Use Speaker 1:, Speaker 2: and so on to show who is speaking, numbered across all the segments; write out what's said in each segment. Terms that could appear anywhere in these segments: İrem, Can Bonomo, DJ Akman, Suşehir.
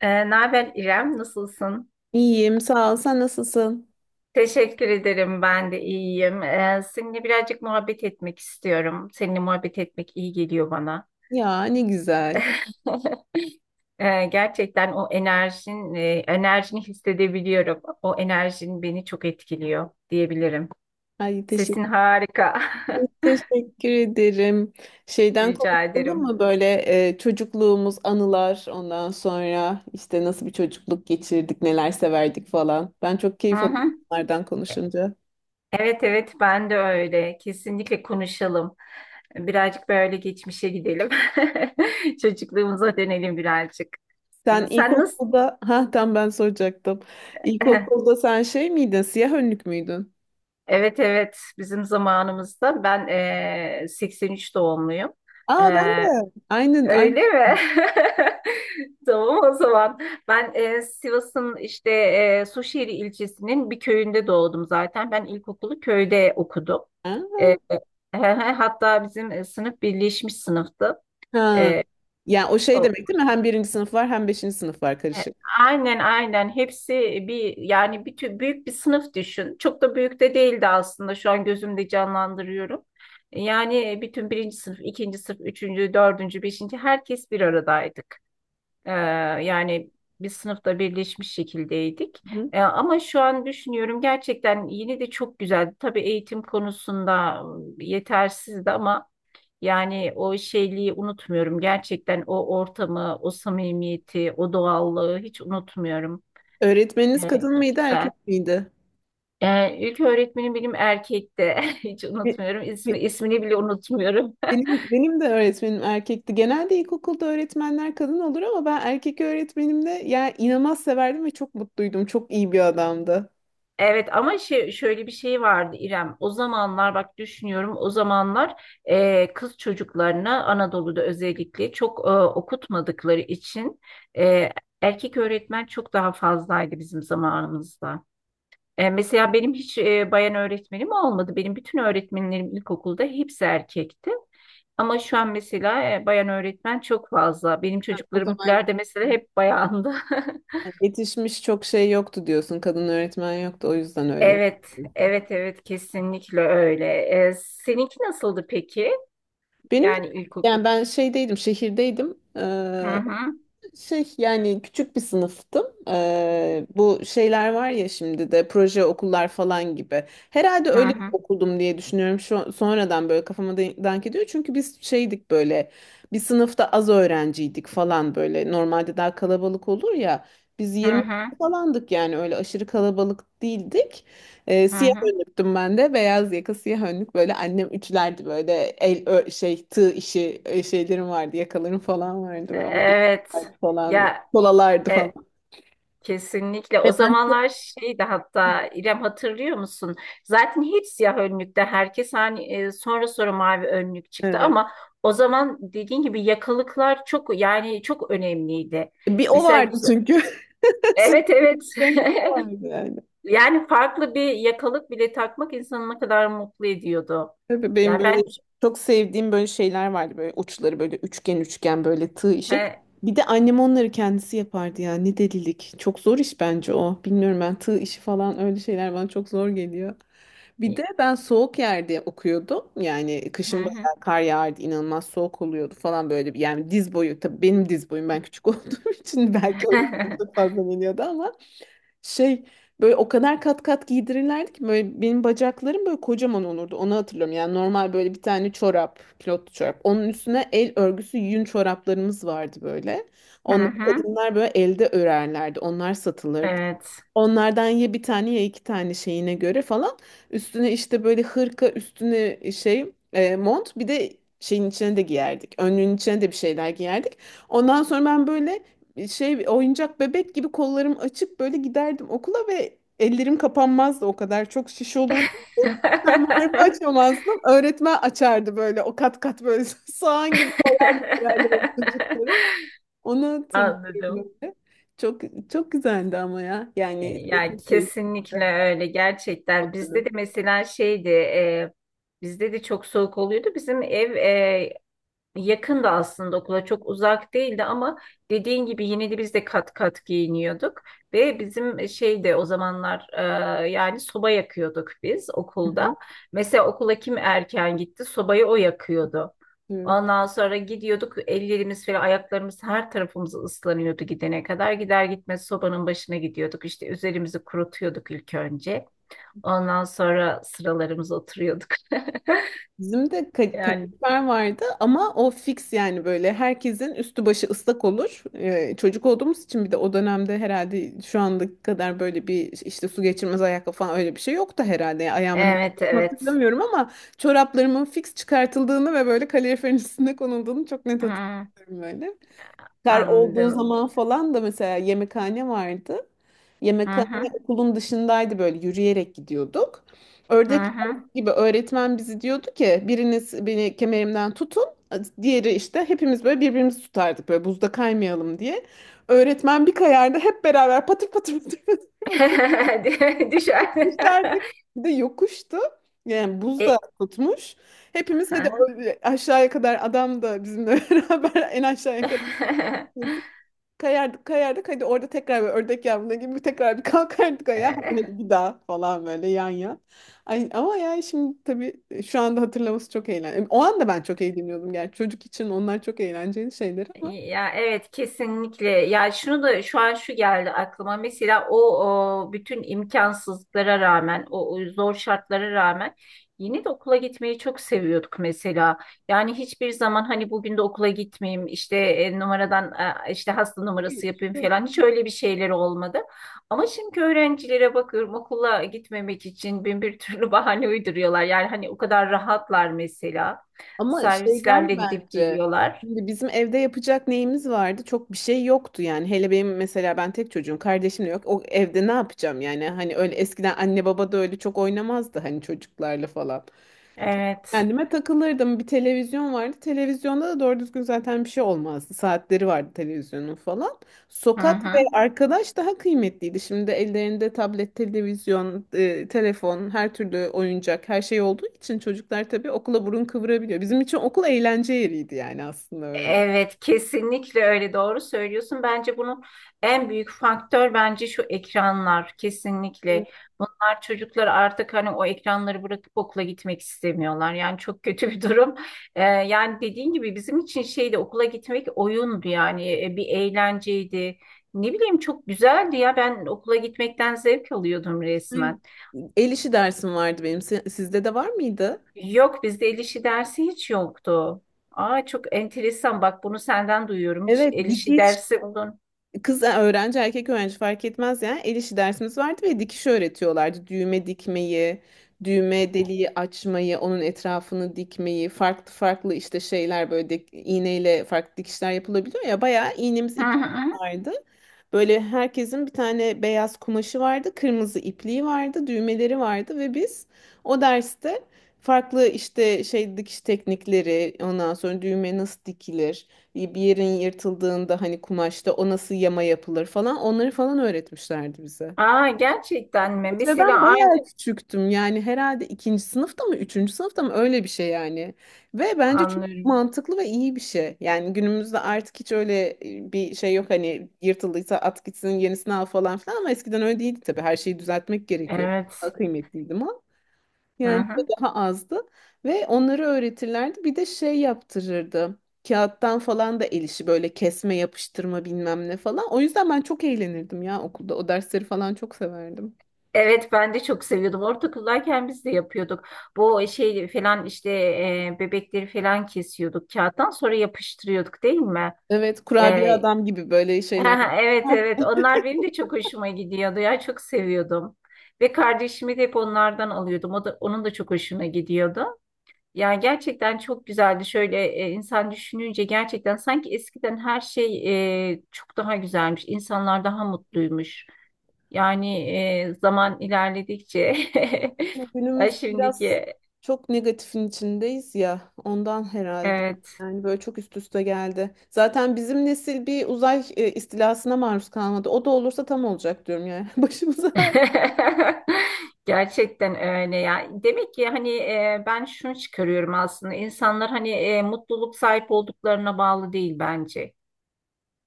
Speaker 1: Naber İrem, nasılsın?
Speaker 2: İyiyim, sağ ol. Sen nasılsın?
Speaker 1: Teşekkür ederim, ben de iyiyim. Seninle birazcık muhabbet etmek istiyorum. Seninle muhabbet etmek iyi geliyor bana.
Speaker 2: Ya ne güzel.
Speaker 1: Gerçekten enerjini hissedebiliyorum. O enerjin beni çok etkiliyor diyebilirim.
Speaker 2: Ay
Speaker 1: Sesin
Speaker 2: teşekkür,
Speaker 1: harika.
Speaker 2: Teşekkür ederim. Şeyden
Speaker 1: Rica
Speaker 2: konuşalım
Speaker 1: ederim.
Speaker 2: mı böyle çocukluğumuz, anılar, ondan sonra işte nasıl bir çocukluk geçirdik, neler severdik falan. Ben çok
Speaker 1: Hı
Speaker 2: keyif alıyorum
Speaker 1: hı.
Speaker 2: bunlardan konuşunca.
Speaker 1: Evet evet, ben de öyle. Kesinlikle konuşalım. Birazcık böyle geçmişe gidelim. Çocukluğumuza dönelim birazcık.
Speaker 2: Sen
Speaker 1: Sen nasıl
Speaker 2: ilkokulda, ha tam ben soracaktım. İlkokulda sen şey miydin, siyah önlük müydün?
Speaker 1: Evet evet, bizim zamanımızda ben 83 doğumluyum.
Speaker 2: Aa ben
Speaker 1: Eee,
Speaker 2: de. Aynen, aynen.
Speaker 1: Öyle mi? Tamam o zaman. Ben Sivas'ın işte Suşehir ilçesinin bir köyünde doğdum zaten. Ben ilkokulu köyde okudum. Eee,
Speaker 2: Ha.
Speaker 1: Hatta bizim sınıf birleşmiş sınıftı.
Speaker 2: Ha.
Speaker 1: Ee,
Speaker 2: Yani o şey
Speaker 1: o-
Speaker 2: demek değil mi? Hem birinci sınıf var hem beşinci sınıf var
Speaker 1: E,
Speaker 2: karışık.
Speaker 1: Aynen aynen, hepsi bir, yani büyük bir sınıf düşün. Çok da büyük de değildi aslında, şu an gözümde canlandırıyorum. Yani bütün birinci sınıf, ikinci sınıf, üçüncü, dördüncü, beşinci, herkes bir aradaydık. Ee, Yani biz sınıfta birleşmiş şekildeydik.
Speaker 2: Hı.
Speaker 1: Ama şu an düşünüyorum, gerçekten yine de çok güzeldi. Tabii eğitim konusunda yetersizdi ama yani o şeyliği unutmuyorum. Gerçekten o ortamı, o samimiyeti, o doğallığı hiç unutmuyorum.
Speaker 2: Öğretmeniniz
Speaker 1: Evet,
Speaker 2: kadın
Speaker 1: çok
Speaker 2: mıydı,
Speaker 1: güzel.
Speaker 2: erkek miydi?
Speaker 1: İlk öğretmenim benim erkekti. Hiç
Speaker 2: Be-
Speaker 1: unutmuyorum. İsmi,
Speaker 2: be-
Speaker 1: ismini bile unutmuyorum.
Speaker 2: benim de öğretmenim erkekti. Genelde ilkokulda öğretmenler kadın olur ama ben erkek öğretmenimde yani inanılmaz severdim ve çok mutluydum. Çok iyi bir adamdı.
Speaker 1: Evet ama şöyle bir şey vardı İrem. O zamanlar bak düşünüyorum, o zamanlar kız çocuklarına Anadolu'da özellikle çok okutmadıkları için e, erkek öğretmen çok daha fazlaydı bizim zamanımızda. Mesela benim hiç bayan öğretmenim olmadı. Benim bütün öğretmenlerim ilkokulda hepsi erkekti. Ama şu an mesela bayan öğretmen çok fazla. Benim
Speaker 2: O zaman
Speaker 1: çocuklarımkiler de mesela hep bayandı.
Speaker 2: yetişmiş çok şey yoktu diyorsun. Kadın öğretmen yoktu. O yüzden öyle.
Speaker 1: Evet, evet, evet, kesinlikle öyle. Seninki nasıldı peki?
Speaker 2: Benim de-
Speaker 1: Yani ilk
Speaker 2: Yani ben şeydeydim, şehirdeydim.
Speaker 1: Hı hı,
Speaker 2: Şey yani küçük bir sınıftım. Bu şeyler var ya şimdi de proje okullar falan gibi. Herhalde
Speaker 1: hı
Speaker 2: öyle bir
Speaker 1: hı,
Speaker 2: okuldum diye düşünüyorum. Şu, sonradan böyle kafama dank ediyor. Çünkü biz şeydik böyle bir sınıfta az öğrenciydik falan böyle. Normalde daha kalabalık olur ya. Biz
Speaker 1: hı
Speaker 2: 20
Speaker 1: hı,
Speaker 2: falandık yani öyle aşırı kalabalık değildik.
Speaker 1: hı
Speaker 2: Siyah
Speaker 1: hı.
Speaker 2: önlüktüm ben de. Beyaz yaka siyah önlük böyle annem ütülerdi böyle şey tığ işi şeylerim vardı yakalarım falan vardı böyle
Speaker 1: Evet.
Speaker 2: falan.
Speaker 1: Ya
Speaker 2: Kolalardı
Speaker 1: e,
Speaker 2: falan.
Speaker 1: kesinlikle. O
Speaker 2: Ve ben
Speaker 1: zamanlar
Speaker 2: çok.
Speaker 1: şeydi, hatta İrem, hatırlıyor musun? Zaten hep siyah önlükte herkes, hani sonra sonra mavi önlük çıktı
Speaker 2: Evet.
Speaker 1: ama o zaman dediğin gibi yakalıklar çok, yani çok önemliydi.
Speaker 2: Bir o
Speaker 1: Mesela
Speaker 2: vardı
Speaker 1: güzel-
Speaker 2: çünkü.
Speaker 1: evet evet.
Speaker 2: Sizden koku vardı yani.
Speaker 1: Yani farklı bir yakalık bile takmak insanı ne kadar mutlu ediyordu.
Speaker 2: Tabii benim
Speaker 1: Yani
Speaker 2: böyle
Speaker 1: ben
Speaker 2: çok sevdiğim böyle şeyler vardı. Böyle uçları böyle üçgen üçgen böyle tığ işi.
Speaker 1: He,
Speaker 2: Bir de annem onları kendisi yapardı ya. Ne delilik. Çok zor iş bence o. Bilmiyorum ben tığ işi falan öyle şeyler bana çok zor geliyor. Bir de ben soğuk yerde okuyordum. Yani kışın
Speaker 1: hı hı.
Speaker 2: bayağı kar yağardı, inanılmaz soğuk oluyordu falan böyle. Yani diz boyu, tabii benim diz boyum ben küçük olduğum için belki o yüzden çok fazla geliyordu ama şey böyle o kadar kat kat giydirirlerdi ki böyle benim bacaklarım böyle kocaman olurdu. Onu hatırlıyorum. Yani normal böyle bir tane çorap, pilotlu çorap. Onun üstüne el örgüsü yün çoraplarımız vardı böyle.
Speaker 1: Hı
Speaker 2: Onları
Speaker 1: hı.
Speaker 2: kadınlar böyle elde örerlerdi. Onlar satılırdı.
Speaker 1: Evet.
Speaker 2: Onlardan ya bir tane ya iki tane şeyine göre falan. Üstüne işte böyle hırka, üstüne şey mont bir de şeyin içine de giyerdik. Önlüğün içine de bir şeyler giyerdik. Ondan sonra ben böyle şey oyuncak bebek gibi kollarım açık böyle giderdim okula ve ellerim kapanmazdı o kadar çok şiş olurdu. Fermuarımı açamazdım. Öğretmen açardı böyle o kat kat böyle soğan gibi koyardı sırayla böyle çocukları. Onu hatırlıyorum
Speaker 1: Anladım.
Speaker 2: böyle. Çok çok güzeldi ama ya. Yani işte
Speaker 1: Yani
Speaker 2: çok keyifli.
Speaker 1: kesinlikle öyle, gerçekten. Bizde de
Speaker 2: Anladım.
Speaker 1: mesela şeydi, bizde de çok soğuk oluyordu. Bizim ev Yakın da aslında, okula çok uzak değildi ama dediğin gibi yine de biz de kat kat giyiniyorduk ve bizim şey de o zamanlar, yani soba yakıyorduk biz
Speaker 2: Hı hı.
Speaker 1: okulda. Mesela okula kim erken gitti, sobayı o yakıyordu.
Speaker 2: Evet.
Speaker 1: Ondan sonra gidiyorduk, ellerimiz falan, ayaklarımız, her tarafımız ıslanıyordu gidene kadar. Gider gitmez sobanın başına gidiyorduk, işte üzerimizi kurutuyorduk ilk önce. Ondan sonra sıralarımıza oturuyorduk.
Speaker 2: Bizim de
Speaker 1: Yani
Speaker 2: kadifer vardı ama o fix yani böyle herkesin üstü başı ıslak olur. Çocuk olduğumuz için bir de o dönemde herhalde şu andaki kadar böyle bir işte su geçirmez ayakkabı falan öyle bir şey yoktu herhalde. Yani ayağımın
Speaker 1: evet evet.
Speaker 2: hatırlamıyorum ama çoraplarımın fix çıkartıldığını ve böyle kaloriferin üstüne konulduğunu çok net
Speaker 1: Hmm,
Speaker 2: hatırlıyorum böyle. Kar olduğu
Speaker 1: anladım.
Speaker 2: zaman falan da mesela yemekhane vardı.
Speaker 1: Hı
Speaker 2: Yemekhane
Speaker 1: hı.
Speaker 2: okulun dışındaydı böyle yürüyerek gidiyorduk.
Speaker 1: Hı
Speaker 2: Ördek
Speaker 1: hı.
Speaker 2: yavrusu gibi öğretmen bizi diyordu ki biriniz beni kemerimden tutun. Diğeri işte hepimiz böyle birbirimizi tutardık böyle buzda kaymayalım diye. Öğretmen bir kayardı hep beraber patır patır patır patır patır
Speaker 1: Düşer.
Speaker 2: düşerdik. Bir de yokuştu. Yani buz da
Speaker 1: E,
Speaker 2: tutmuş. Hepimiz
Speaker 1: hı
Speaker 2: hadi
Speaker 1: hı.
Speaker 2: öyle aşağıya kadar adam da bizimle beraber en aşağıya kadar kayardık kayardık hadi orada tekrar böyle ördek yavruna gibi tekrar bir kalkardık ayağa hadi, hadi bir daha falan böyle yan yan. Ay, ama yani şimdi tabii şu anda hatırlaması çok eğlenceli. O anda ben çok eğleniyordum yani çocuk için onlar çok eğlenceli şeyler ama.
Speaker 1: Ya evet, kesinlikle. Ya şunu da, şu an şu geldi aklıma. Mesela o bütün imkansızlıklara rağmen, o zor şartlara rağmen yine de okula gitmeyi çok seviyorduk mesela. Yani hiçbir zaman hani bugün de okula gitmeyeyim, işte numaradan, işte hasta
Speaker 2: Hiç.
Speaker 1: numarası yapayım falan, hiç öyle bir şeyler olmadı. Ama şimdi öğrencilere bakıyorum, okula gitmemek için bin bir türlü bahane uyduruyorlar. Yani hani o kadar rahatlar mesela.
Speaker 2: Ama
Speaker 1: Servislerle
Speaker 2: şeyden
Speaker 1: gidip
Speaker 2: bence
Speaker 1: geliyorlar.
Speaker 2: şimdi bizim evde yapacak neyimiz vardı? Çok bir şey yoktu yani. Hele benim mesela ben tek çocuğum, kardeşim de yok. O evde ne yapacağım yani? Hani öyle eskiden anne baba da öyle çok oynamazdı hani çocuklarla falan.
Speaker 1: Evet.
Speaker 2: Kendime takılırdım. Bir televizyon vardı. Televizyonda da doğru düzgün zaten bir şey olmazdı. Saatleri vardı televizyonun falan.
Speaker 1: Hı
Speaker 2: Sokak ve
Speaker 1: hı.
Speaker 2: arkadaş daha kıymetliydi. Şimdi ellerinde tablet, televizyon, telefon, her türlü oyuncak, her şey olduğu için çocuklar tabii okula burun kıvırabiliyor. Bizim için okul eğlence yeriydi yani aslında öyle.
Speaker 1: Evet, kesinlikle öyle, doğru söylüyorsun. Bence bunun en büyük faktör bence şu ekranlar, kesinlikle. Bunlar, çocuklar artık hani o ekranları bırakıp okula gitmek istemiyorlar. Yani çok kötü bir durum. Yani dediğin gibi bizim için şeydi, okula gitmek oyundu yani, bir eğlenceydi. Ne bileyim, çok güzeldi ya, ben okula gitmekten zevk alıyordum
Speaker 2: Şey,
Speaker 1: resmen.
Speaker 2: El işi dersim vardı benim. Sizde de var mıydı?
Speaker 1: Yok, bizde el işi dersi hiç yoktu. Aa, çok enteresan, bak, bunu senden duyuyorum. Hiç
Speaker 2: Evet,
Speaker 1: el işi
Speaker 2: dikiş.
Speaker 1: dersi olun.
Speaker 2: Kız öğrenci erkek öğrenci fark etmez yani el işi dersimiz vardı ve dikiş öğretiyorlardı. Düğme dikmeyi, düğme deliği açmayı, onun etrafını dikmeyi, farklı farklı işte şeyler böyle iğneyle farklı dikişler yapılabiliyor ya bayağı iğnemiz
Speaker 1: Hı
Speaker 2: ipliğimiz
Speaker 1: hı.
Speaker 2: vardı. Böyle herkesin bir tane beyaz kumaşı vardı, kırmızı ipliği vardı, düğmeleri vardı ve biz o derste farklı işte şey dikiş teknikleri, ondan sonra düğme nasıl dikilir bir yerin yırtıldığında hani kumaşta o nasıl yama yapılır falan onları falan öğretmişlerdi bize.
Speaker 1: Aa, gerçekten mi?
Speaker 2: Evet, ve
Speaker 1: Mesela
Speaker 2: ben
Speaker 1: aynı
Speaker 2: bayağı küçüktüm yani herhalde ikinci sınıfta mı üçüncü sınıfta mı öyle bir şey yani. Ve bence çok
Speaker 1: anlıyorum.
Speaker 2: mantıklı ve iyi bir şey. Yani günümüzde artık hiç öyle bir şey yok hani yırtıldıysa at gitsin yenisini al falan filan ama eskiden öyle değildi tabii her şeyi düzeltmek gerekiyordu. Daha
Speaker 1: Evet.
Speaker 2: kıymetliydi
Speaker 1: Hı
Speaker 2: yani bu
Speaker 1: hı.
Speaker 2: daha azdı ve onları öğretirlerdi. Bir de şey yaptırırdı. Kağıttan falan da el işi böyle kesme, yapıştırma bilmem ne falan. O yüzden ben çok eğlenirdim ya okulda. O dersleri falan çok severdim.
Speaker 1: Evet, ben de çok seviyordum. Ortaokuldayken biz de yapıyorduk. Bu şey falan, işte bebekleri falan kesiyorduk kağıttan, sonra yapıştırıyorduk, değil mi?
Speaker 2: Evet, kurabiye
Speaker 1: E,
Speaker 2: adam gibi böyle şeyler.
Speaker 1: Evet evet, onlar benim de çok hoşuma gidiyordu ya, çok seviyordum. Ve kardeşimi de hep onlardan alıyordum. O da, onun da çok hoşuna gidiyordu. Yani gerçekten çok güzeldi. Şöyle insan düşününce, gerçekten sanki eskiden her şey çok daha güzelmiş. İnsanlar daha mutluymuş. Yani zaman ilerledikçe Ay,
Speaker 2: Günümüz biraz
Speaker 1: şimdiki
Speaker 2: çok negatifin içindeyiz ya. Ondan herhalde.
Speaker 1: evet.
Speaker 2: Yani böyle çok üst üste geldi. Zaten bizim nesil bir uzay istilasına maruz kalmadı. O da olursa tam olacak diyorum yani. Başımıza her
Speaker 1: Gerçekten öyle ya. Demek ki hani ben şunu çıkarıyorum aslında. İnsanlar hani mutluluk sahip olduklarına bağlı değil bence.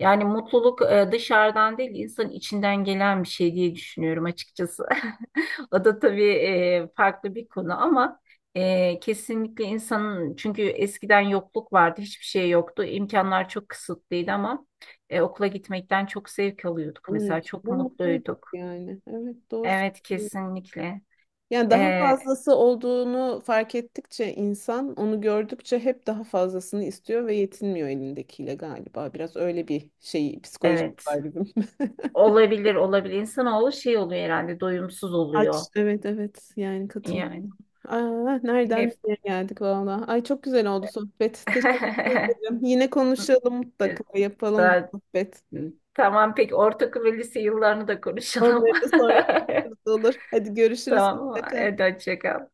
Speaker 1: Yani mutluluk dışarıdan değil, insanın içinden gelen bir şey diye düşünüyorum açıkçası. O da tabii farklı bir konu ama kesinlikle insanın, çünkü eskiden yokluk vardı, hiçbir şey yoktu. İmkanlar çok kısıtlıydı ama okula gitmekten çok zevk alıyorduk
Speaker 2: onun
Speaker 1: mesela,
Speaker 2: için
Speaker 1: çok
Speaker 2: de mutluyduk
Speaker 1: mutluyduk.
Speaker 2: yani. Evet doğru
Speaker 1: Evet,
Speaker 2: söylüyorum.
Speaker 1: kesinlikle.
Speaker 2: Yani daha
Speaker 1: Ee,
Speaker 2: fazlası olduğunu fark ettikçe insan onu gördükçe hep daha fazlasını istiyor ve yetinmiyor elindekiyle galiba. Biraz öyle bir şey psikolojik
Speaker 1: evet.
Speaker 2: var bizim.
Speaker 1: Olabilir, olabilir. İnsanoğlu şey oluyor herhalde, doyumsuz oluyor.
Speaker 2: Aç. Evet evet yani katılıyorum.
Speaker 1: Yani
Speaker 2: Aa, nereden
Speaker 1: hep
Speaker 2: nereye geldik valla. Ay çok güzel oldu sohbet. Teşekkür ederim. Yine konuşalım
Speaker 1: Evet,
Speaker 2: mutlaka yapalım bir
Speaker 1: daha...
Speaker 2: sohbet.
Speaker 1: Tamam, peki ortaokul ve lise yıllarını da konuşalım.
Speaker 2: Onları da sonra konuşuruz olur. Hadi görüşürüz
Speaker 1: Tamam,
Speaker 2: mutlaka.
Speaker 1: hadi hoşça kal.